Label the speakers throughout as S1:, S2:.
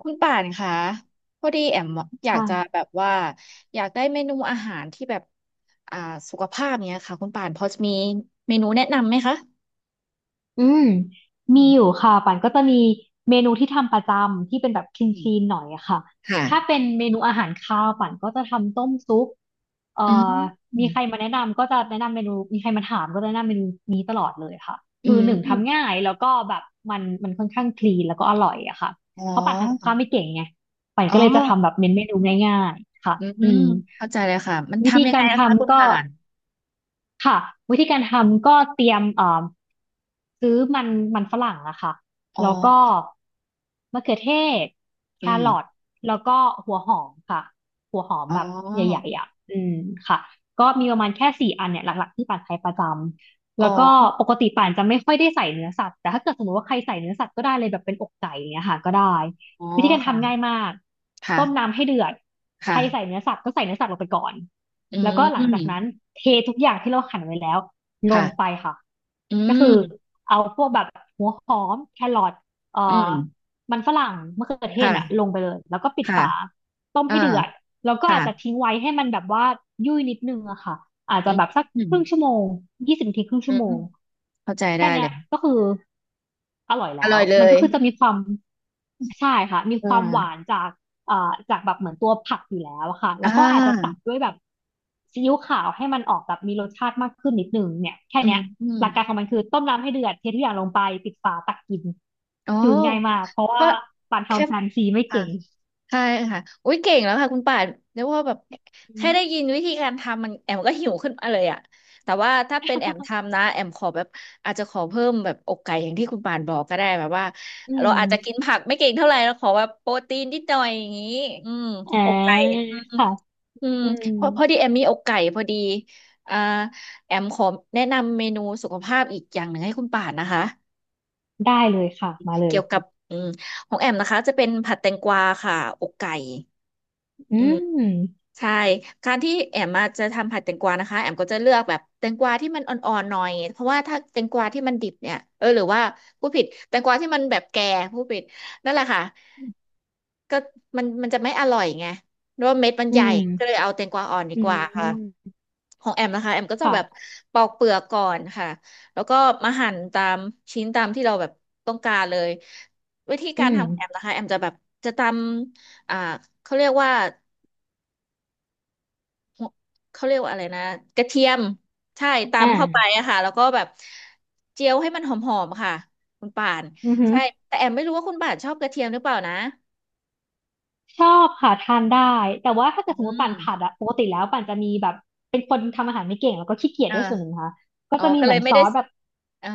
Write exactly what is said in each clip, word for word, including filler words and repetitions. S1: คุณป่านคะพอดีแอมอยากจะ
S2: ค่ะ
S1: แบบว่าอยากได้เมนูอาหารที่แบบอ่าสุขภาพเนี้ยค่ะคุณป่านพอจะมีเมนูแนะนำไหมคะ
S2: อืม
S1: อื
S2: มีอ
S1: ม
S2: ยู่ค่ะปันก็จะมีเมนูที่ทำประจำที่เป็นแบบคลี
S1: อื
S2: นค
S1: ม
S2: ลีนหน่อยอะค่ะ
S1: ค่ะ
S2: ถ้าเป็นเมนูอาหารคาวปันก็จะทำต้มซุปเอ่อ
S1: อืมอ
S2: มีใครมาแนะนำก็จะแนะนำเมนูมีใครมาถามก็จะแนะนำเมนูนี้ตลอดเลยค่ะ
S1: ื
S2: คือหนึ่ง
S1: ม
S2: ทำง่ายแล้วก็แบบมันมันค่อนข้างคลีนแล้วก็อร่อยอะค่ะ
S1: อ๋อ
S2: เพราะปันทำกับข้าวไม่เก่งไงปัน
S1: อ๋
S2: ก็
S1: อ
S2: เลยจะทำแบบเน้นเมนูง่ายๆค่ะ
S1: อื
S2: อื
S1: ม
S2: ม
S1: เข้าใจเลยค่ะมัน
S2: วิธี
S1: ทำยังไง
S2: การ
S1: นะคะคุ
S2: ทำ
S1: ณ
S2: ก็
S1: ป่าน
S2: ค่ะวิธีการทำก็เตรียมเอ่อซื้อมันมันฝรั่งอะค่ะ
S1: อ๋อ
S2: แล้วก็มะเขือเทศแค
S1: อืม
S2: รอทแล้วก็หัวหอมค่ะหัวหอม
S1: อ๋
S2: แบบให
S1: อ
S2: ญ่ๆอ่ะอืมค่ะก็มีประมาณแค่สี่อันเนี่ยหลักๆที่ป่านใช้ประจำ
S1: อ๋
S2: แล้
S1: อ
S2: วก็ปกติป่านจะไม่ค่อยได้ใส่เนื้อสัตว์แต่ถ้าเกิดสมมติว่าใครใส่เนื้อสัตว์ก็ได้เลยแบบเป็นอกไก่อย่างเงี้ยค่ะก็ได้
S1: อ๋อ
S2: วิธีการทำง่าย
S1: ค่ะ
S2: มาก
S1: ค่ะ
S2: ต้มน้ำให้เดือดใครใส่
S1: ค่ะ
S2: เนื้อสัตว์ก็ใส่เนื้อสัตว์ลงไปก่อน
S1: อื
S2: แล้วก็หลังจากนั้น
S1: ม
S2: เททุกอย่างที่เราหั่นไว้แล้วลงไป
S1: ค่ะ
S2: ค่ะ
S1: อื
S2: ก็คือ
S1: ม
S2: เอาพวกแบบหัวหอมแครอทเอ่
S1: อื
S2: อ
S1: ม
S2: มันฝรั่งมะเขือเท
S1: ค
S2: ศน่ะลง
S1: ่ะ
S2: ไปเลยแล้วก็ปิด
S1: ค่ะ
S2: ฝา ต้ม
S1: อ่า
S2: ให้เดือดแล้วก็
S1: ค่ะ
S2: อาจจะทิ้งไว้ให้มันแบบว่ายุ่ยนิดนึงอะค่ะอาจ
S1: อื
S2: จะ
S1: ม
S2: แบบสัก
S1: อื
S2: ค
S1: ม
S2: รึ่งชั่วโมงยี่สิบนาทีครึ่ง
S1: อื
S2: ชั่วโม
S1: ม
S2: ง
S1: เข้าใจได้
S2: แค่
S1: เล
S2: เนี้ย
S1: ย
S2: ก็คืออร่อย
S1: อ
S2: แล้
S1: ร่
S2: ว
S1: อยเล
S2: มัน
S1: ย
S2: ก็คือจะมีความใช่ค่ะมี
S1: อ่
S2: ความหวาน
S1: า
S2: จากเอ่อจากแบบเหมือนตัวผักอยู่แล้วอะค่ะแล้
S1: อ่
S2: วก็อาจจะตั
S1: า
S2: ดด้วยแบบซีอิ๊วขาวให้มันออกแบบมีรสชาติมากขึ้นนิดนึงเนี่ยแค่
S1: อื
S2: เนี้
S1: ม
S2: ย
S1: อืม
S2: หลักการของมันคือต้มน้ำให้เดือดเททุกอย่างลงไปปิดฝาตักกิน
S1: โอ้
S2: คือง่ายมากเพราะ
S1: เพ
S2: ว่า
S1: ราะ
S2: ปาน
S1: แค่
S2: ทำแฟนซีไม่
S1: อ่า
S2: เก่ง
S1: ใช่ค่ะอุ้ยเก่งแล้วค่ะคุณป่านเรียกว่าแบบ
S2: อื
S1: แค่ได้
S2: ม
S1: ยินวิธีการทำมันแอมก็หิวขึ้นมาเลยอ่ะแต่ว่าถ้าเป็นแอมทำนะแอมขอแบบอาจจะขอเพิ่มแบบอกไก่อย่างที่คุณป่านบอกก็ได้แบบว่า
S2: อื
S1: เรา
S2: ม
S1: อาจจะกินผักไม่เก่งเท่าไหร่เราขอแบบโปรตีนนิดหน่อยอย่างนี้อืม
S2: อ่า
S1: อกไก่
S2: ค่ะ
S1: อืม
S2: อืม
S1: พอพอดีแอมมีอกไก่พอดีอ่าแอมขอแนะนำเมนูสุขภาพอีกอย่างหนึ่งให้คุณป่านนะคะ
S2: ได้เลยค่ะ มาเลย
S1: เกี่ยวกับอืมของแอมนะคะจะเป็นผัดแตงกวาค่ะอกไก่
S2: อื
S1: อืม
S2: ม
S1: ใช่การที่แอมมาจะทำผัดแตงกวานะคะแอมก็จะเลือกแบบแตงกวาที่มันอ่อนๆหน่อยเพราะว่าถ้าแตงกวาที่มันดิบเนี่ยเออหรือว่าผู้ผิดแตงกวาที่มันแบบแก่ผู้ผิดนั่นแหละค่ะก็มันมันจะไม่อร่อยไงเพราะว่าเม็ดมัน
S2: อื
S1: ใหญ่ก็เล
S2: ม
S1: ยเอาแตงกวาอ่อนดี
S2: อื
S1: กว่าค่ะ
S2: ม
S1: ของแอมนะคะแอมก็จะแบบ
S2: ค่ะ
S1: ปอกเปลือกก่อนค่ะแล้วก็มาหั่นตามชิ้นตามที่เราแบบต้องการเลยวิธี
S2: อื
S1: การ
S2: ม
S1: ทำของแอมนะคะแอมจะแบบจะตำอ่าเขาเรียกว่า หัวเขาเรียกว่าอะไรนะกระเทียมใช่
S2: อ
S1: ตำเข้าไป
S2: ่า
S1: อะค่ะแล้วก็แบบเจียวให้มันหอมๆค่ะคุณป่าน
S2: อือหือ
S1: ใช่แต่แอมไม่รู้ว่าคุณป่านชอบกระเทียมหรือเปล่านะ
S2: ชอบค่ะทานได้ แต่ว่าถ้าเกิดส
S1: อื
S2: มมติปั่น
S1: ม
S2: ผัดอะปกติแล้วปั่นจะมีแบบเป็นคนทำอาหารไม่เก่งแล้วก็ขี้เกียจ
S1: เอ
S2: ด้วยส่วนหนึ่ง
S1: อ
S2: นะค่ะก็
S1: อ๋อ
S2: จะมี
S1: ก็
S2: เห
S1: เล
S2: มือ
S1: ย
S2: น
S1: ไม่
S2: ซ
S1: ได้
S2: อสแบบ
S1: อ่า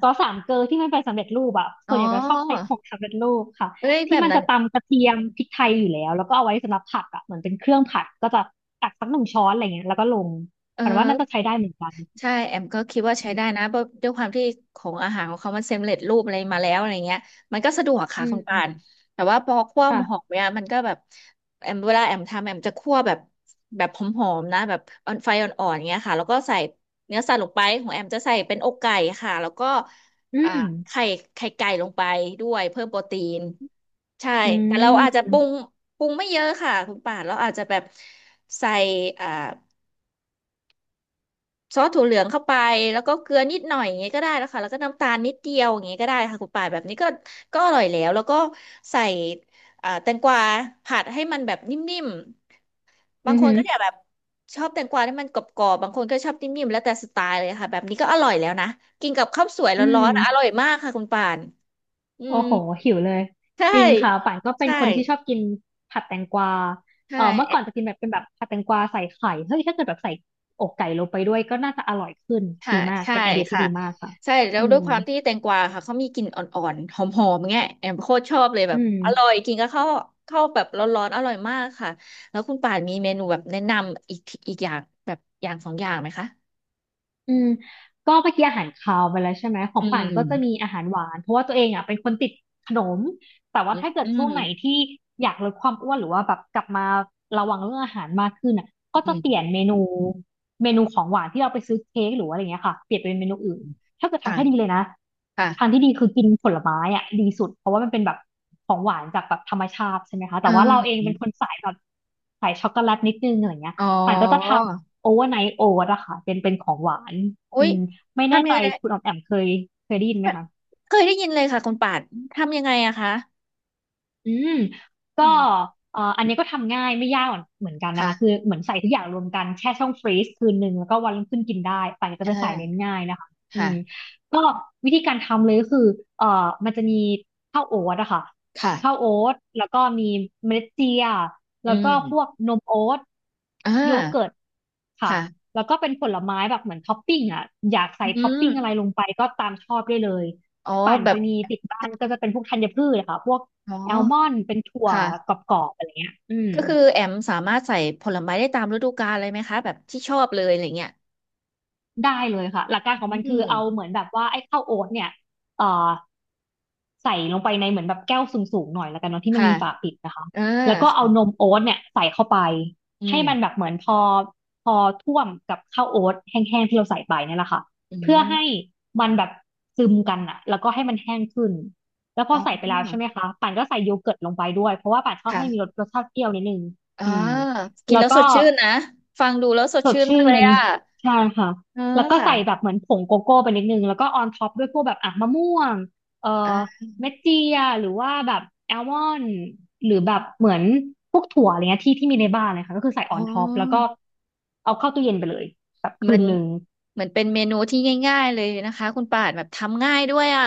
S2: ซอสสามเกลอที่มันเป็นสำเร็จรูปอะส่
S1: อ๋
S2: ว
S1: อ
S2: นใหญ่จะชอบใช้ของสำเร็จรูปค่ะ
S1: เอ้ยแบ
S2: ที่
S1: บ
S2: มัน
S1: นั้
S2: จะ
S1: น
S2: ตำกระเทียมพริกไทยอยู่แล้วแล้วก็เอาไว้สำหรับผัดอะเหมือนเป็นเครื่องผัดก็จะตักสักหนึ่งช้อนอะไรเงี้ยแล้วก็ลง
S1: เอ
S2: ปันว่าน่าจะ
S1: อ
S2: ใช้ได้เหมือนกัน
S1: ใช่แอมก็คิดว่า
S2: อื
S1: ใช้ได้
S2: ม
S1: นะเพราะด้วยความที่ของอาหารของเขามันเซมเล็ตรูปอะไรมาแล้วอะไรเงี้ยมันก็สะดวกค่ะ
S2: อื
S1: คุณปา
S2: ม
S1: นแต่ว่าพอคั่ว
S2: ค่ะ
S1: หอมเนี่ยมันก็แบบแอมเวลาแอมทำแอมจะคั่วแบบแบบหอมๆนะแบบออนไฟอ่อนๆเงี้ยค่ะแล้วก็ใส่เนื้อสัตว์ลงไปของแอมจะใส่เป็นอกไก่ค่ะแล้วก็
S2: อื
S1: อ่า
S2: ม
S1: ไข่ไข่ไก่ลงไปด้วยเพิ่มโปรตีนใช่
S2: อื
S1: แต่เราอาจจะปรุง
S2: ม
S1: ปรุงไม่เยอะค่ะคุณป่านเราอาจจะแบบใส่อ่า ซอสถั่วเหลืองเข้าไปแล้วก็เกลือนิดหน่อยอย่างเงี้ยก็ได้แล้วค่ะแล้วก็น้ำตาลนิดเดียวอย่างเงี้ยก็ได้ค่ะคุณป่านแบบนี้ก็ก็อร่อยแล้วแล้วก็ใส่อ่าแตงกวาผัดให้มันแบบนิ่มๆ
S2: อื
S1: บาง
S2: อ
S1: คน
S2: หือ
S1: ก็จะแบบชอบแตงกวาที่มันกรอบๆบางคนก็ชอบนิ่มๆแล้วแต่สไตล์เลยค่ะแบบนี้ก็อร่อยแล้วนะกินกับข้าวสวย
S2: อื
S1: ร้อ
S2: ม
S1: นๆอร่อยมากค่ะคุณป่านอื
S2: โอ้
S1: ม
S2: โหหิวเลย
S1: ใช่
S2: จริงค่ะป่านก็เป็น
S1: ใช่
S2: คนที่ชอบกินผัดแตงกวา
S1: ใช่
S2: เออเมื่อก่อนจะกินแบบเป็นแบบผัดแตงกวาใส่ไข่เฮ้ยถ้าเกิดแบบใส่อกไก่ลงไปด้วยก็น่าจะอร่อยขึ้น
S1: ค่ะ
S2: ดีมาก
S1: ใช่
S2: เป็นไอเดียที่
S1: ค่ะ
S2: ดีมากค่ะ
S1: ใช่แล้
S2: อื
S1: วด้
S2: ม
S1: วยความที่แตงกวาค่ะเขามีกลิ่นอ่อนๆหอมๆเงี้ยแอมโคตรชอบเลยแบ
S2: อื
S1: บอร่อ
S2: ม
S1: ยกินก็เข้าวข้าวแบบร้อนๆอร่อยมากค่ะแล้วคุณป่านมีเมนูแบบแนะนำอีกอีกอย่างแบบอย่างสองอย่างไหมคะ
S2: อืมก็เมื่อกี้อาหารคาวไปแล้วใช่ไหมขอ
S1: อื
S2: งป่านก็จะมี
S1: ม
S2: อาหารหวานเพราะว่าตัวเองอ่ะเป็นคนติดขนมแต่ว่า
S1: อืม
S2: ถ้าเกิด
S1: อื
S2: ช่วง
S1: ม
S2: ไหนที่อยากลดความอ้วนหรือว่าแบบกลับมาระวังเรื่องอาหารมากขึ้นอ่ะก็
S1: อื
S2: จะเปลี่ยน
S1: ม
S2: เมนูเมนูของหวานที่เราไปซื้อเค้กหรือว่าอะไรเงี้ยค่ะเปลี่ยนเป็นเมนูอื่นถ้าเกิดทางที่ดี
S1: ค่ะ
S2: เลยนะทางที่
S1: ค่ะ
S2: ดีคือกินผลไม้อ่ะดีสุดเพราะว่ามันเป็นแบบของหวานจากแบบธรรมชาติใช่ไหมคะแต่ว่าเราเอ
S1: เออ
S2: งเป็นคนสายแบบสายช็อกโกแลตนิดนึงอะไรเงี้ย
S1: อ๋อ
S2: ป่านก็จะทำ โอเวอร์ไนท์โอ๊ตอะค่ะเป็นเป็นของหวาน
S1: อุ๊
S2: อื
S1: ย
S2: มไม่แน่
S1: ทำ
S2: ใจ
S1: ยังไง
S2: คุณออมแอมเคยเคยได้ยินไหมคะ
S1: เคยได้ยินเลยค่ะคุณป่านทำยังไงอะคะ
S2: อืมก็
S1: อืม
S2: เอ่ออันนี้ก็ทำง่ายไม่ยากเหมือนเหมือนกันนะคะคือ
S1: ค่ะ
S2: เหมือนใส่ทุกอย่างรวมกันแช่ช่องฟรีซคืนหนึ่งแล้วก็วันรุ่งขึ้นกินได้ป่านจะ
S1: เอ
S2: เป็นสายเน้น
S1: อ
S2: ง่ายนะคะอื
S1: ค่ะ
S2: มก็วิธีการทำเลยก็คือเอ่อมันจะมีข้าวโอ๊ตอะค่ะข้าว
S1: ค่ะ
S2: โอ๊ตแล้วก็มีเมล็ดเจีย
S1: อื
S2: แล้วก็
S1: ม
S2: พวกนมโอ๊ต
S1: อ่า
S2: โยเกิร์ตค่ะ
S1: ค่ะ
S2: แล้วก็เป็นผลไม้แบบเหมือนท็อปปิ้งอะอยากใส่
S1: อื
S2: ท็อป
S1: ม
S2: ปิ้งอะไรลงไปก็ตามชอบได้เลย
S1: อ๋อ
S2: ปั่น
S1: แบ
S2: จะ
S1: บ
S2: มีติดบ้านก็จะเป็นพวกธัญพืชอะค่ะพวก
S1: อ๋อ
S2: แอลมอนด์เป็นถั่วก
S1: ค่ะ
S2: รอบๆอะไรเงี้ยอืม
S1: ก็คือแอมสามารถใส่ผลไม้ได้ตามฤดูกาลเลยไหมคะแบบที่ชอบเลยอะไรเงี้ย
S2: ได้เลยค่ะหลักการของ
S1: อื
S2: มันคือ
S1: ม
S2: เอาเหมือนแบบว่าไอ้ข้าวโอ๊ตเนี่ยเอ่อใส่ลงไปในเหมือนแบบแก้วสูงๆหน่อยแล้วกันเนาะที่มัน
S1: ค่ะ
S2: มีฝาปิดนะคะ
S1: เออ
S2: แล้วก็เอาน
S1: ค่ะ
S2: มโอ๊ตเนี่ยใส่เข้าไป
S1: อื
S2: ให้
S1: ม
S2: มันแบบเหมือนพอพอท่วมกับข้าวโอ๊ตแห้งๆที่เราใส่ไปเนี่ยแหละค่ะ
S1: อื
S2: เพื่อ
S1: ม
S2: ให้มันแบบซึมกันอะแล้วก็ให้มันแห้งขึ้นแล้วพ
S1: อ๋
S2: อใส่ไปแล้วใช่
S1: อ
S2: ไหมคะป่านก็ใส่โยเกิร์ตลงไปด้วยเพราะว่าป่านชอบให้มีรส
S1: ค่ะ
S2: รสชาติเปรี้ยวนิดนึง
S1: อ่า
S2: อืม
S1: กิน
S2: แล้ว
S1: แล้ว
S2: ก็
S1: สดชื่นนะฟังดูแล้วสด
S2: สด
S1: ชื่น
S2: ชื่
S1: มากเลย
S2: น
S1: อ่ะ
S2: ใช่ค่ะ
S1: เออ
S2: แล้วก็
S1: ค่ะ
S2: ใส่แบบเหมือนผงโกโก้ไปนิดนึงแล้วก็ออนท็อปด้วยพวกแบบอ่ะมะม่วงเอ่
S1: อ่
S2: อ
S1: า
S2: เม็ดเจียหรือว่าแบบแอลมอนด์หรือแบบเหมือนพวกถั่วอะไรเงี้ยที่ที่มีในบ้านเลยค่ะก็คือใส่อ
S1: อ๋อ
S2: อนท็อปแล้วก็เอาเข้าตู้เย็นไปเลยแบบ
S1: เหมื
S2: คื
S1: อ
S2: น
S1: น
S2: หนึ่ง
S1: เหมือนเป็นเมนูที่ง่ายๆเลยนะคะคุณป่านแบบทำง่ายด้วยอ่ะ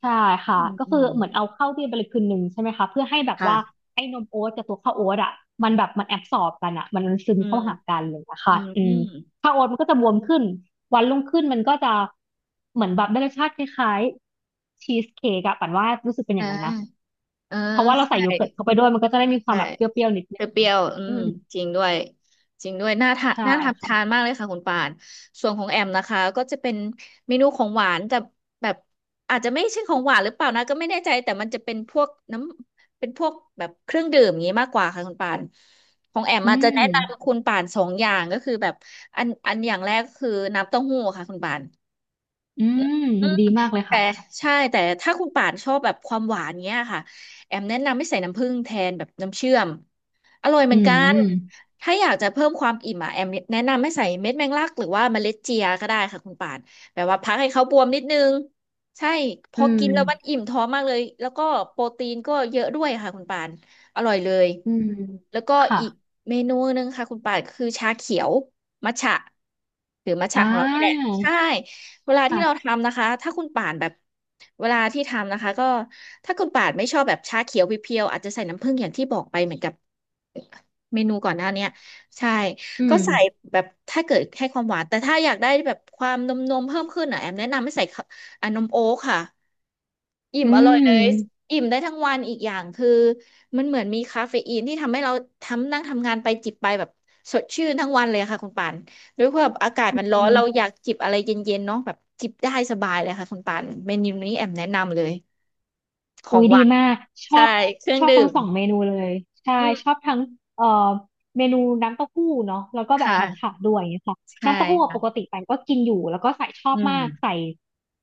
S2: ใช่ค่ะ
S1: อืม
S2: ก็
S1: อื
S2: คือ
S1: ม
S2: เหมือนเอาเข้าที่ไปเลยคืนหนึ่งใช่ไหมคะเพื่อให้แบบ
S1: ค่ะ
S2: ว่าไอ้นมโอ๊ตกับตัวข้าวโอ๊ตอ่ะมันแบบมันแอบสอร์บกันอ่ะมันมันซึม
S1: อืม
S2: เข้าหากันอะไรอย่างเลยนะ
S1: อื
S2: คะ
S1: ม
S2: อื
S1: อื
S2: ม
S1: ม
S2: ข้าวโอ๊ตมันก็จะบวมขึ้นวันรุ่งขึ้นมันก็จะเหมือนแบบได้รสชาติคล้ายๆชีสเค้กอะปั่นว่ารู้สึกเป็นอย่าง
S1: อ่า
S2: นั้นนะ
S1: เออ
S2: เพราะว่าเราใส่
S1: ใช่
S2: โยเกิร์ตเข้าไปด้วยมันก็จะได้มีความ
S1: ใช่
S2: แบบเปรี้ยวๆนิดนึง
S1: เปรี้ยวๆอื
S2: อื
S1: ม
S2: ม
S1: จริงด้วยจริงด้วยน่าทาน
S2: ใช่
S1: น่าทำทาน
S2: ค่ะ
S1: มากเลยค่ะคุณป่านส่วนของแอมนะคะก็จะเป็นเมนูของหวานแต่แบบอาจจะไม่ใช่ของหวานหรือเปล่านะก็ไม่แน่ใจแต่มันจะเป็นพวกน้ำเป็นพวกแบบเครื่องดื่มอย่างนี้มากกว่าค่ะคุณป่านของแอม
S2: อื
S1: อาจจะแนะ
S2: ม
S1: นำคุณป่านสองอย่างก็คือแบบอันอันอย่างแรกก็คือน้ำเต้าหู้ค่ะคุณป่าน
S2: อืมดีมากเลย
S1: แต่
S2: ค่ะ
S1: ใช่แต่ถ้าคุณป่านชอบแบบความหวานเนี้ยค่ะแอมแนะนำไม่ใส่น้ำผึ้งแทนแบบน้ำเชื่อมอร่อยเห
S2: อื
S1: มือนกัน
S2: ม
S1: ถ้าอยากจะเพิ่มความอิ่มอ่ะแอมแนะนำให้ใส่เม็ดแมงลักหรือว่าเมล็ดเจียก็ได้ค่ะคุณป่านแบบว่าพักให้เขาบวมนิดนึงใช่พ
S2: อื
S1: อกิ
S2: ม
S1: นแล้วมันอิ่มท้องมากเลยแล้วก็โปรตีนก็เยอะด้วยค่ะคุณป่านอร่อยเลย
S2: อืม
S1: แล้วก็
S2: ค่ะ
S1: อีกเมนูหนึงค่ะคุณป่านคือชาเขียวมัทฉะหรือมัท
S2: อ่
S1: ฉะของเรานี่แหละใช่
S2: า
S1: เวลาที่เรา
S2: ค่ะ
S1: ทำนะคะ ถ้าคุณป่านแบบเวลาที่ทำนะคะก็ถ้าคุณป่านไม่ชอบแบบชาเขียวเพียวๆอาจจะใส่น้ำผึ้งอย่างที่บอกไปเหมือนกับเมนูก่อนหน้าเนี้ยใช่
S2: อื
S1: ก็
S2: ม
S1: ใส่แบบถ้าเกิดให้ความหวานแต่ถ้าอยากได้แบบความนมนมเพิ่มขึ้นอ่ะแอมแนะนำให้ใส่ข้าวอ่ะนมโอ๊ตค่ะ อิ่ม
S2: อื
S1: อร่อย
S2: ม
S1: เลยอิ่มได้ทั้งวันอีกอย่างคือมันเหมือนมีคาเฟอีนที่ทำให้เราทำนั่งทำงานไปจิบไปแบบสดชื่นทั้งวันเลยค่ะคุณปานด้วยความอากาศ
S2: อื
S1: มันร้อนเรา
S2: ม
S1: อยากจิบอะไรเย็นๆเนาะแบบจิบได้สบายเลยค่ะคุณปานเมนูนี้แอมแนะนำเลยข
S2: อุ้
S1: อง
S2: ย
S1: ห
S2: ดี
S1: วาน
S2: มากชอ
S1: ใช่
S2: บ
S1: เครื่อ
S2: ช
S1: ง
S2: อบทั้
S1: ดื่
S2: ง
S1: ม
S2: สองเมนูเลยใช่
S1: อื
S2: ชอบ
S1: ม
S2: ทั้งเอ่อเมนูน้ำเต้าหู้เนาะแล้วก็แบบ
S1: ค่ะ
S2: มัทฉะด้วยอย่างเงี้ยค่ะ
S1: ใช่
S2: น้ำเต้าหู้อะปก
S1: ค่ะ
S2: ติไปก็กินอยู่แล้วก็ใส่ชอ
S1: อื
S2: บ
S1: ม
S2: มากใส่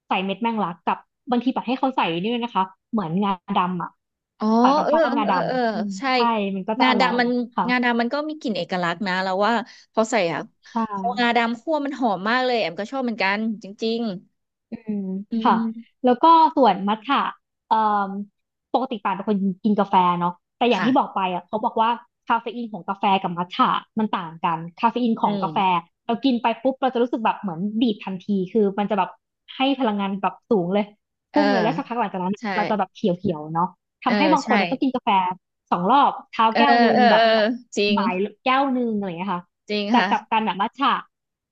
S2: ใส่เม็ดแมงลักกับบางทีปัดให้เขาใส่นี่ด้วยนะคะเหมือนงาดำอ่ะ
S1: อ๋อ
S2: ปันปัด
S1: เอ
S2: ช
S1: อ
S2: อบงา
S1: เอ
S2: ด
S1: อเออ
S2: ำอืม
S1: ใช่
S2: ใช่มันก็จะ
S1: งา
S2: อร่อย
S1: ดำมัน
S2: ค่ะ
S1: งาดำมันก็มีกลิ่นเอกลักษณ์นะเราว่าพอใส่อะ
S2: ใช
S1: พองา
S2: ่
S1: ดำคั่วมันหอมมากเลยแอมก็ชอบเหมือนกันจริง
S2: อืม
S1: ๆอื
S2: ค่ะ
S1: ม
S2: แล้วก็ส่วนมัทฉะเอ่มปกติป่านเป็นคนกินกาแฟเนาะแต่อย่าง
S1: ค่ะ
S2: ที่บอกไปอ่ะเขาบอกว่าคาเฟอีนของกาแฟกับมัทฉะมันต่างกันคาเฟอีนของ
S1: อืม
S2: กาแฟเรากินไปปุ๊บเราจะรู้สึกแบบเหมือนดีดทันทีคือมันจะแบบให้พลังงานแบบสูงเลย
S1: เออ
S2: พุ่งเลยแล้วสักพักหลังจากนั้น
S1: ใช่
S2: เราจะแบบเขียวๆเนาะ
S1: เออ
S2: ทำให้บางค
S1: ใช่
S2: นอะต้องกินกาแฟสองรอบเช้า
S1: เออ
S2: แก้วหนึ่ง
S1: เออ
S2: แบ
S1: เอ
S2: บ
S1: อจริง
S2: บ่ายแก้วหนึ่งอะไรอย่างเงี้ยค่ะ
S1: จริง
S2: แต่
S1: ค่ะ
S2: กลับกันอะมัทฉะ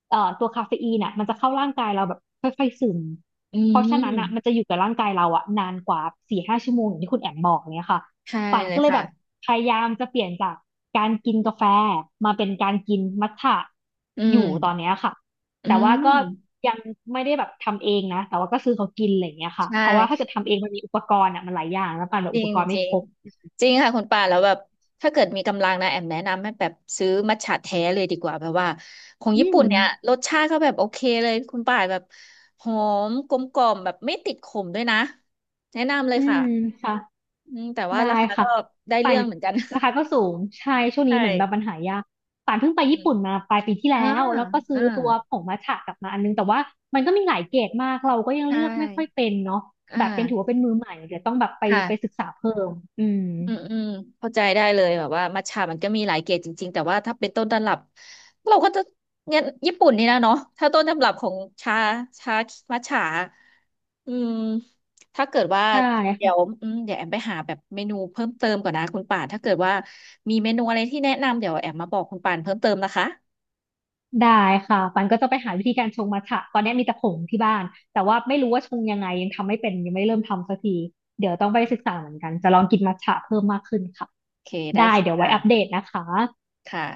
S2: เอ่อตัวคาเฟอีนอ่ะมันจะเข้าร่างกายเราแบบค่อยๆซึม
S1: อื
S2: เพราะฉะนั้นอ่ะ
S1: ม
S2: มันจะอยู่กับร่างกายเราอ่ะนานกว่าสี่ห้าชั่วโมงอย่างที่คุณแอมบอกเนี้ยค่ะ
S1: ใช่
S2: ป่าน
S1: เล
S2: ก็
S1: ย
S2: เลยแบบ
S1: ค่ะ
S2: พยายามจะเปลี่ยนจากการกินกาแฟมาเป็นการกินมัทฉะ
S1: อื
S2: อ
S1: ม
S2: ยู่ตอนเนี้ยค่ะ
S1: อื
S2: แต่ว่าก็
S1: ม
S2: ยังไม่ได้แบบทำเองนะแต่ว่าก็ซื้อเขากินอะไรอย่างเงี้ยค่ะ
S1: ใช
S2: เพราะว่าถ้า
S1: ่
S2: เกิดทำเองมันมีอุปกรณ์อ่ะมันหลายอย่างแล้วป่านแบบ
S1: จ
S2: อุ
S1: ริ
S2: ป
S1: ง
S2: กรณ์
S1: จ
S2: ไม่
S1: ริ
S2: ค
S1: ง
S2: รบ
S1: จริงค่ะคุณป่าแล้วแบบถ้าเกิดมีกำลังนะแอมแนะนำให้แบบซื้อมัทฉะแท้เลยดีกว่าแบบว่าของ
S2: อื
S1: ญี่
S2: ม
S1: ปุ่นเนี่ยรสชาติเขาแบบโอเคเลยคุณป่าแบบหอมกลมกล่อมแบบไม่ติดขมด้วยนะแนะนำเลย
S2: อื
S1: ค่ะ
S2: มค่ะ
S1: อืมแต่ว่ารา
S2: ได้
S1: คา
S2: ค่ะ
S1: ก็ได้
S2: ป่า
S1: เรื่
S2: น
S1: องเหมือนกัน
S2: ราคาก็สูงใช่ช่ วงนี้
S1: ใช่
S2: เหมือนแบบปัญหายากป่านเพิ่งไป
S1: อื
S2: ญี่
S1: ม
S2: ปุ่นมาปลายปีที่
S1: อ่า
S2: แล้วแล้วก็ซื้
S1: อ่า
S2: อตัวผงมัทฉะกลับมาอันนึงแต่ว่ามันก็มีหลายเกรดมากเราก็ยัง
S1: ใช่
S2: เลือกไม่ค่อยเป็นเนาะ
S1: อ่า
S2: แบบยังถือว่าเป็นมือใหม่เดี๋ยวต้องแบบไปไปศึก
S1: ค่ะ
S2: ษาเพิ่มอืม
S1: อืมอืมเข้าใจได้เลยแบบว่ามัทฉะมันก็มีหลายเกรดจริงๆแต่ว่าถ้าเป็นต้นตำรับเราก็จะเนี่ยญี่ปุ่นนี่นะเนาะถ้าต้นตำรับของชาชามัทฉะอืมถ้าเกิดว่า
S2: ใช่
S1: เดี๋ยว
S2: ค่ะ
S1: อืมเดี๋ยวแอมไปหาแบบเมนูเพิ่มเติมก่อนนะคุณป่านถ้าเกิดว่ามีเมนูอะไรที่แนะนำเดี๋ยวแอมมาบอกคุณป่านเพิ่มเติมนะคะ
S2: ได้ค่ะปันก็จะไปหาวิธีการชงมัทฉะตอนนี้มีแต่ผงที่บ้านแต่ว่าไม่รู้ว่าชงยังไงยังทำไม่เป็นยังไม่เริ่มทำสักทีเดี๋ยวต้องไปศึกษาเหมือนกันจะลองกินมัทฉะเพิ่มมากขึ้นค่ะ
S1: โอเคได้
S2: ได้
S1: ค
S2: เดี๋ยวไว้อัปเด
S1: ่ะ
S2: ตนะคะ
S1: ค่ะ